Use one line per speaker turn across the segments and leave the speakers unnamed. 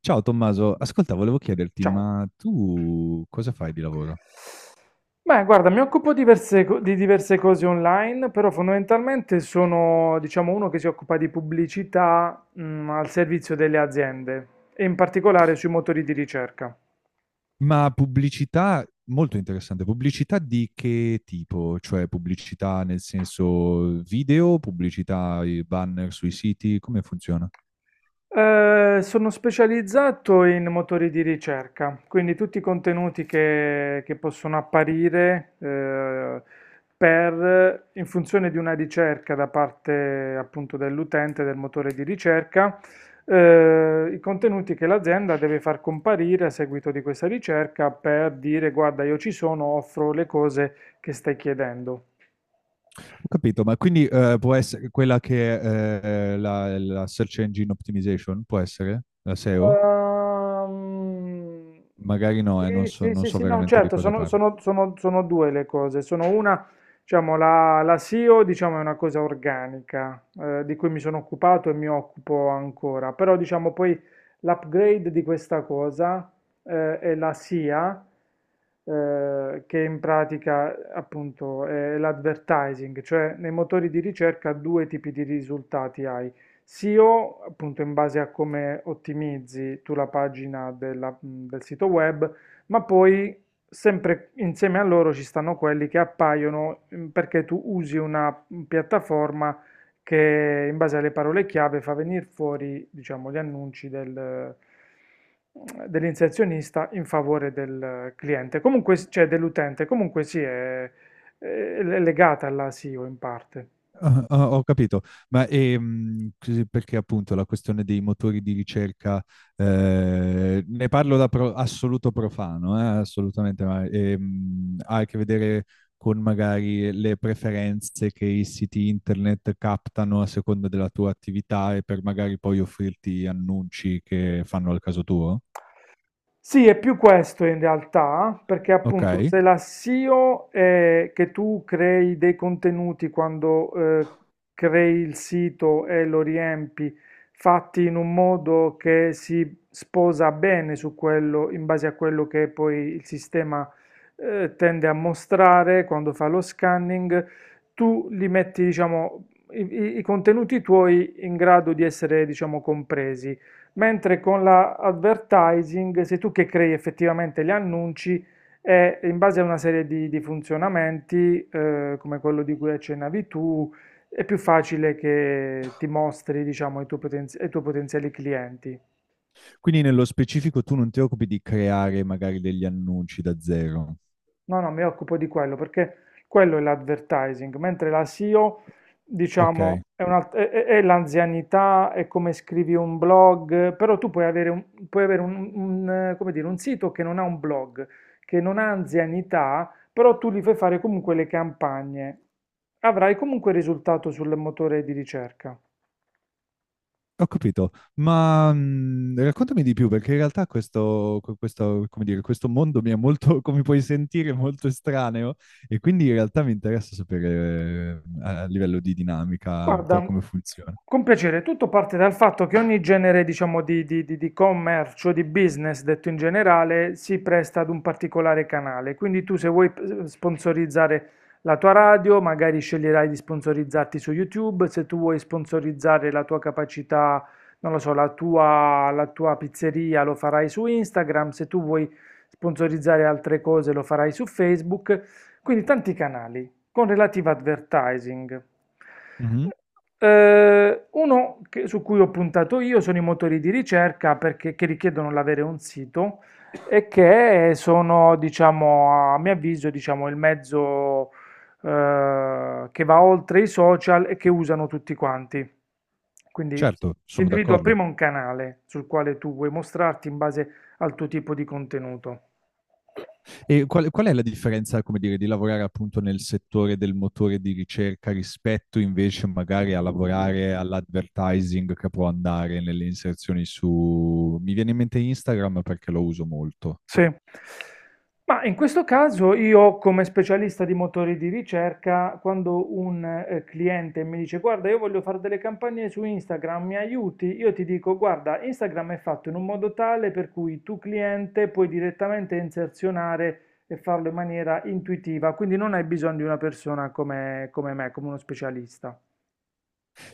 Ciao Tommaso, ascolta, volevo chiederti,
Ciao.
ma tu cosa fai di lavoro?
Beh, guarda, mi occupo di diverse cose online, però fondamentalmente sono, diciamo, uno che si occupa di pubblicità, al servizio delle aziende e in particolare sui motori di ricerca.
Ma pubblicità, molto interessante, pubblicità di che tipo? Cioè pubblicità nel senso video, pubblicità, i banner sui siti, come funziona?
Sono specializzato in motori di ricerca, quindi tutti i contenuti che possono apparire per, in funzione di una ricerca da parte appunto dell'utente del motore di ricerca, i contenuti che l'azienda deve far comparire a seguito di questa ricerca per dire guarda, io ci sono, offro le cose che stai chiedendo.
Ho capito, ma quindi può essere quella che è la Search Engine Optimization, può essere? La SEO?
Ehm,
Magari no,
sì,
non so,
sì,
non
sì,
so
sì, no,
veramente di
certo,
cosa
sono,
parli.
sono- sono- sono due le cose. Sono una, diciamo, la SEO, diciamo, è una cosa organica, di cui mi sono occupato e mi occupo ancora, però, diciamo, poi l'upgrade di questa cosa, è la SIA, che in pratica, appunto, è l'advertising, cioè nei motori di ricerca due tipi di risultati hai. SEO, appunto in base a come ottimizzi tu la pagina del sito web, ma poi sempre insieme a loro ci stanno quelli che appaiono perché tu usi una piattaforma che in base alle parole chiave fa venire fuori, diciamo, gli annunci dell'inserzionista in favore del cliente, comunque, cioè dell'utente, comunque sì, è legata alla SEO in parte.
Ah, ah, ho capito, ma perché appunto la questione dei motori di ricerca, ne parlo assoluto profano, assolutamente, ma ha a che vedere con magari le preferenze che i siti internet captano a seconda della tua attività e per magari poi offrirti annunci che fanno al caso tuo?
Sì, è più questo in realtà, perché
Ok,
appunto se la SEO è che tu crei dei contenuti quando crei il sito e lo riempi, fatti in un modo che si sposa bene su quello, in base a quello che poi il sistema tende a mostrare quando fa lo scanning, tu li metti, diciamo, i contenuti tuoi in grado di essere, diciamo, compresi, mentre con la advertising sei tu che crei effettivamente gli annunci e in base a una serie di funzionamenti, come quello di cui accennavi tu, è più facile che ti mostri, diciamo, ai tuoi potenziali clienti.
quindi nello specifico tu non ti occupi di creare magari degli annunci da zero.
No, no, mi occupo di quello perché quello è l'advertising, mentre la SEO, diciamo,
Ok.
è l'anzianità, è come scrivi un blog, però tu puoi avere un, come dire, un sito che non ha un blog, che non ha anzianità, però tu gli fai fare comunque le campagne. Avrai comunque risultato sul motore di ricerca.
Ho capito, ma raccontami di più perché in realtà questo, come dire, questo mondo mi è molto, come puoi sentire, molto estraneo e quindi in realtà mi interessa sapere a livello di dinamica un po'
Guarda,
come funziona.
con piacere, tutto parte dal fatto che ogni genere, diciamo, di commercio, di business, detto in generale, si presta ad un particolare canale. Quindi tu se vuoi sponsorizzare la tua radio, magari sceglierai di sponsorizzarti su YouTube, se tu vuoi sponsorizzare la tua capacità, non lo so, la tua pizzeria lo farai su Instagram, se tu vuoi sponsorizzare altre cose lo farai su Facebook, quindi tanti canali con relativo advertising.
Mhm.
Uno su cui ho puntato io sono i motori di ricerca perché, che richiedono l'avere un sito e che sono, diciamo, a mio avviso, diciamo, il mezzo che va oltre i social e che usano tutti quanti. Quindi
Certo,
ti
sono
individua
d'accordo.
prima un canale sul quale tu vuoi mostrarti in base al tuo tipo di contenuto.
E qual è la differenza, come dire, di lavorare appunto nel settore del motore di ricerca rispetto invece magari a lavorare all'advertising che può andare nelle inserzioni su... Mi viene in mente Instagram perché lo uso molto.
Sì. Ma in questo caso io, come specialista di motori di ricerca, quando un cliente mi dice guarda io voglio fare delle campagne su Instagram, mi aiuti? Io ti dico guarda Instagram è fatto in un modo tale per cui tu cliente puoi direttamente inserzionare e farlo in maniera intuitiva, quindi non hai bisogno di una persona come me, come uno specialista.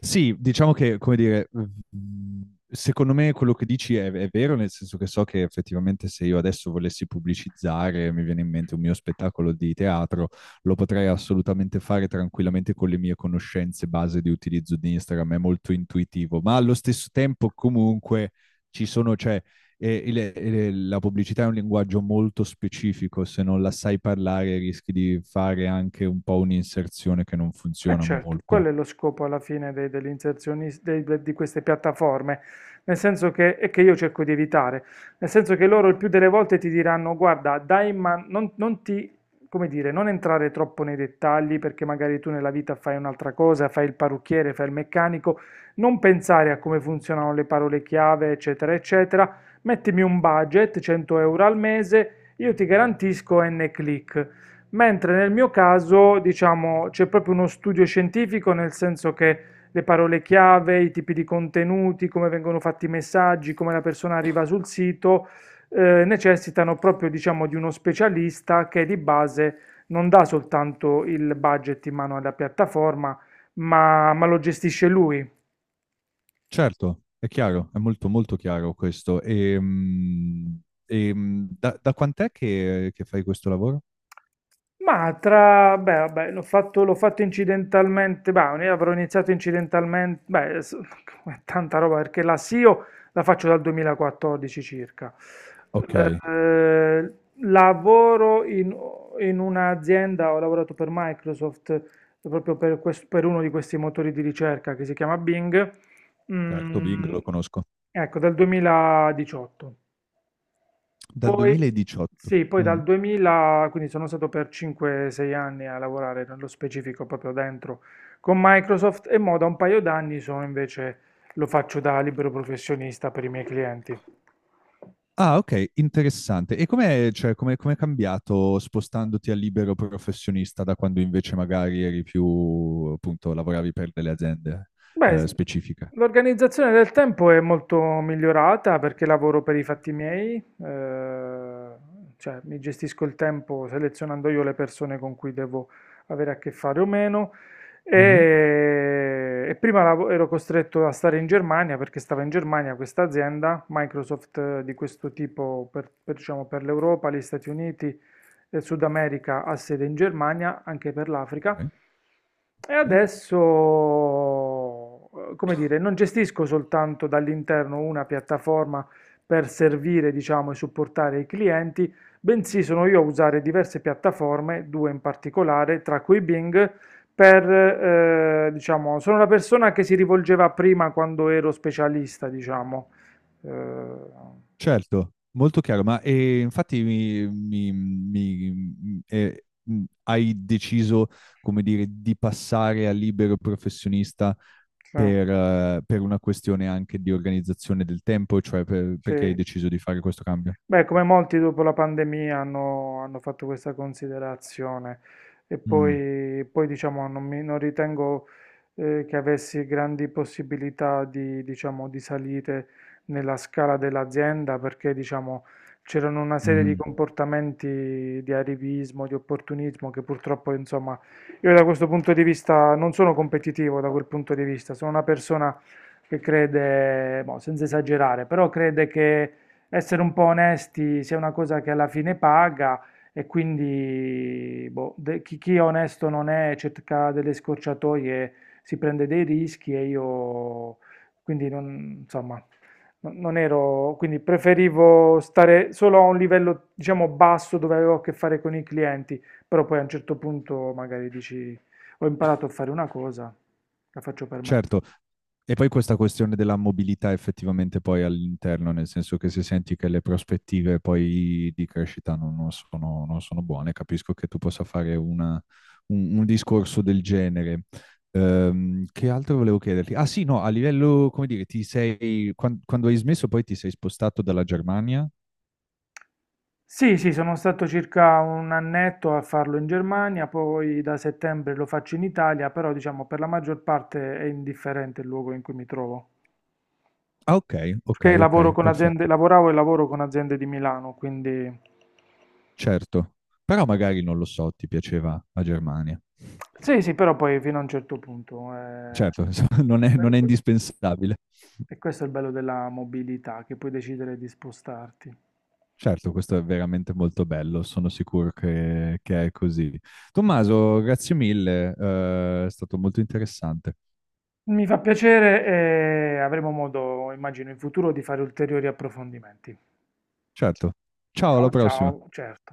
Sì, diciamo che, come dire, mm, secondo me quello che dici è vero, nel senso che so che effettivamente se io adesso volessi pubblicizzare, mi viene in mente un mio spettacolo di teatro, lo potrei assolutamente fare tranquillamente con le mie conoscenze base di utilizzo di Instagram, è molto intuitivo, ma allo stesso tempo comunque ci sono, cioè, la pubblicità è un linguaggio molto specifico, se non la sai parlare rischi di fare anche un po' un'inserzione che non
Eh
funziona
certo, quello
molto.
è lo scopo alla fine degli inserzionisti, di queste piattaforme, nel senso che, e che io cerco di evitare, nel senso che loro il più delle volte ti diranno, guarda, dai, ma non ti, come dire, non entrare troppo nei dettagli perché magari tu nella vita fai un'altra cosa, fai il parrucchiere, fai il meccanico, non pensare a come funzionano le parole chiave, eccetera, eccetera, mettimi un budget, 100 euro al mese, io ti garantisco N click, mentre nel mio caso, diciamo, c'è proprio uno studio scientifico, nel senso che le parole chiave, i tipi di contenuti, come vengono fatti i messaggi, come la persona arriva sul sito, necessitano proprio, diciamo, di uno specialista che di base non dà soltanto il budget in mano alla piattaforma, ma lo gestisce lui.
Certo, è chiaro, è molto molto chiaro questo. E, mm, da quant'è che fai questo lavoro?
Ma beh, vabbè, l'ho fatto incidentalmente, bah, ne avrò iniziato incidentalmente, beh, è tanta roba perché la SEO la faccio dal 2014 circa.
Ok,
Eh, Lavoro in un'azienda, ho lavorato per Microsoft proprio per uno di questi motori di ricerca che si chiama Bing,
certo, Bing
mm,
lo conosco.
ecco, dal 2018.
Dal
Poi,
2018.
sì, poi
Mm.
dal 2000, quindi sono stato per 5-6 anni a lavorare nello specifico proprio dentro con Microsoft, e mo da un paio d'anni sono invece, lo faccio da libero professionista per i miei clienti.
Ah, ok, interessante. E com'è cambiato spostandoti a libero professionista da quando invece magari eri più, appunto, lavoravi per delle aziende
Beh,
specifiche?
l'organizzazione del tempo è molto migliorata perché lavoro per i fatti miei, cioè mi gestisco il tempo selezionando io le persone con cui devo avere a che fare o meno.
Mhm.
E prima ero costretto a stare in Germania perché stava in Germania questa azienda, Microsoft di questo tipo per, diciamo, per l'Europa, gli Stati Uniti e Sud America ha sede in Germania, anche per
Ok,
l'Africa. E
ok.
adesso, come dire, non gestisco soltanto dall'interno una piattaforma per servire, diciamo, e supportare i clienti, bensì sono io a usare diverse piattaforme, due in particolare, tra cui Bing, per, diciamo, sono la persona che si rivolgeva prima quando ero specialista, diciamo. Eh,
Certo, molto chiaro, ma infatti hai deciso, come dire, di passare a libero professionista per una questione anche di organizzazione del tempo, cioè
sì,
perché hai
sì.
deciso di fare questo cambio?
Beh, come molti dopo la pandemia hanno fatto questa considerazione, e
Mm,
poi, diciamo, non ritengo che avessi grandi possibilità di, diciamo, di salite nella scala dell'azienda, perché, diciamo, c'erano una serie di
mhm.
comportamenti di arrivismo, di opportunismo che purtroppo, insomma, io da questo punto di vista non sono competitivo, da quel punto di vista sono una persona che crede, boh, senza esagerare, però crede che essere un po' onesti sia una cosa che alla fine paga, e quindi boh, chi è onesto non è, cerca delle scorciatoie, si prende dei rischi e io quindi non, insomma, non ero, quindi preferivo stare solo a un livello, diciamo, basso, dove avevo a che fare con i clienti, però poi a un certo punto magari dici ho imparato a fare una cosa, la faccio per me.
Certo, e poi questa questione della mobilità effettivamente poi all'interno, nel senso che se senti che le prospettive poi di crescita non sono, non sono buone, capisco che tu possa fare un discorso del genere. Che altro volevo chiederti? Ah sì, no, a livello, come dire, ti sei, quando, hai smesso poi ti sei spostato dalla Germania?
Sì, sì, sono stato circa un annetto a farlo in Germania, poi da settembre lo faccio in Italia, però diciamo per la maggior parte è indifferente il luogo in cui mi trovo.
Ah ok, ok,
Perché
ok,
lavoro con aziende,
perfetto,
lavoravo e lavoro con aziende di Milano, quindi
certo. Però magari non lo so, ti piaceva la Germania.
sì, sì, però poi fino a un certo punto.
Certo, insomma,
Que-
non è
que-
indispensabile.
E questo è il bello della mobilità, che puoi decidere di spostarti.
Certo, questo è veramente molto bello, sono sicuro che è così. Tommaso, grazie mille, è stato molto interessante.
Mi fa piacere e avremo modo, immagino, in futuro di fare ulteriori approfondimenti.
Certo, ciao, alla
Ciao,
prossima.
ciao, certo.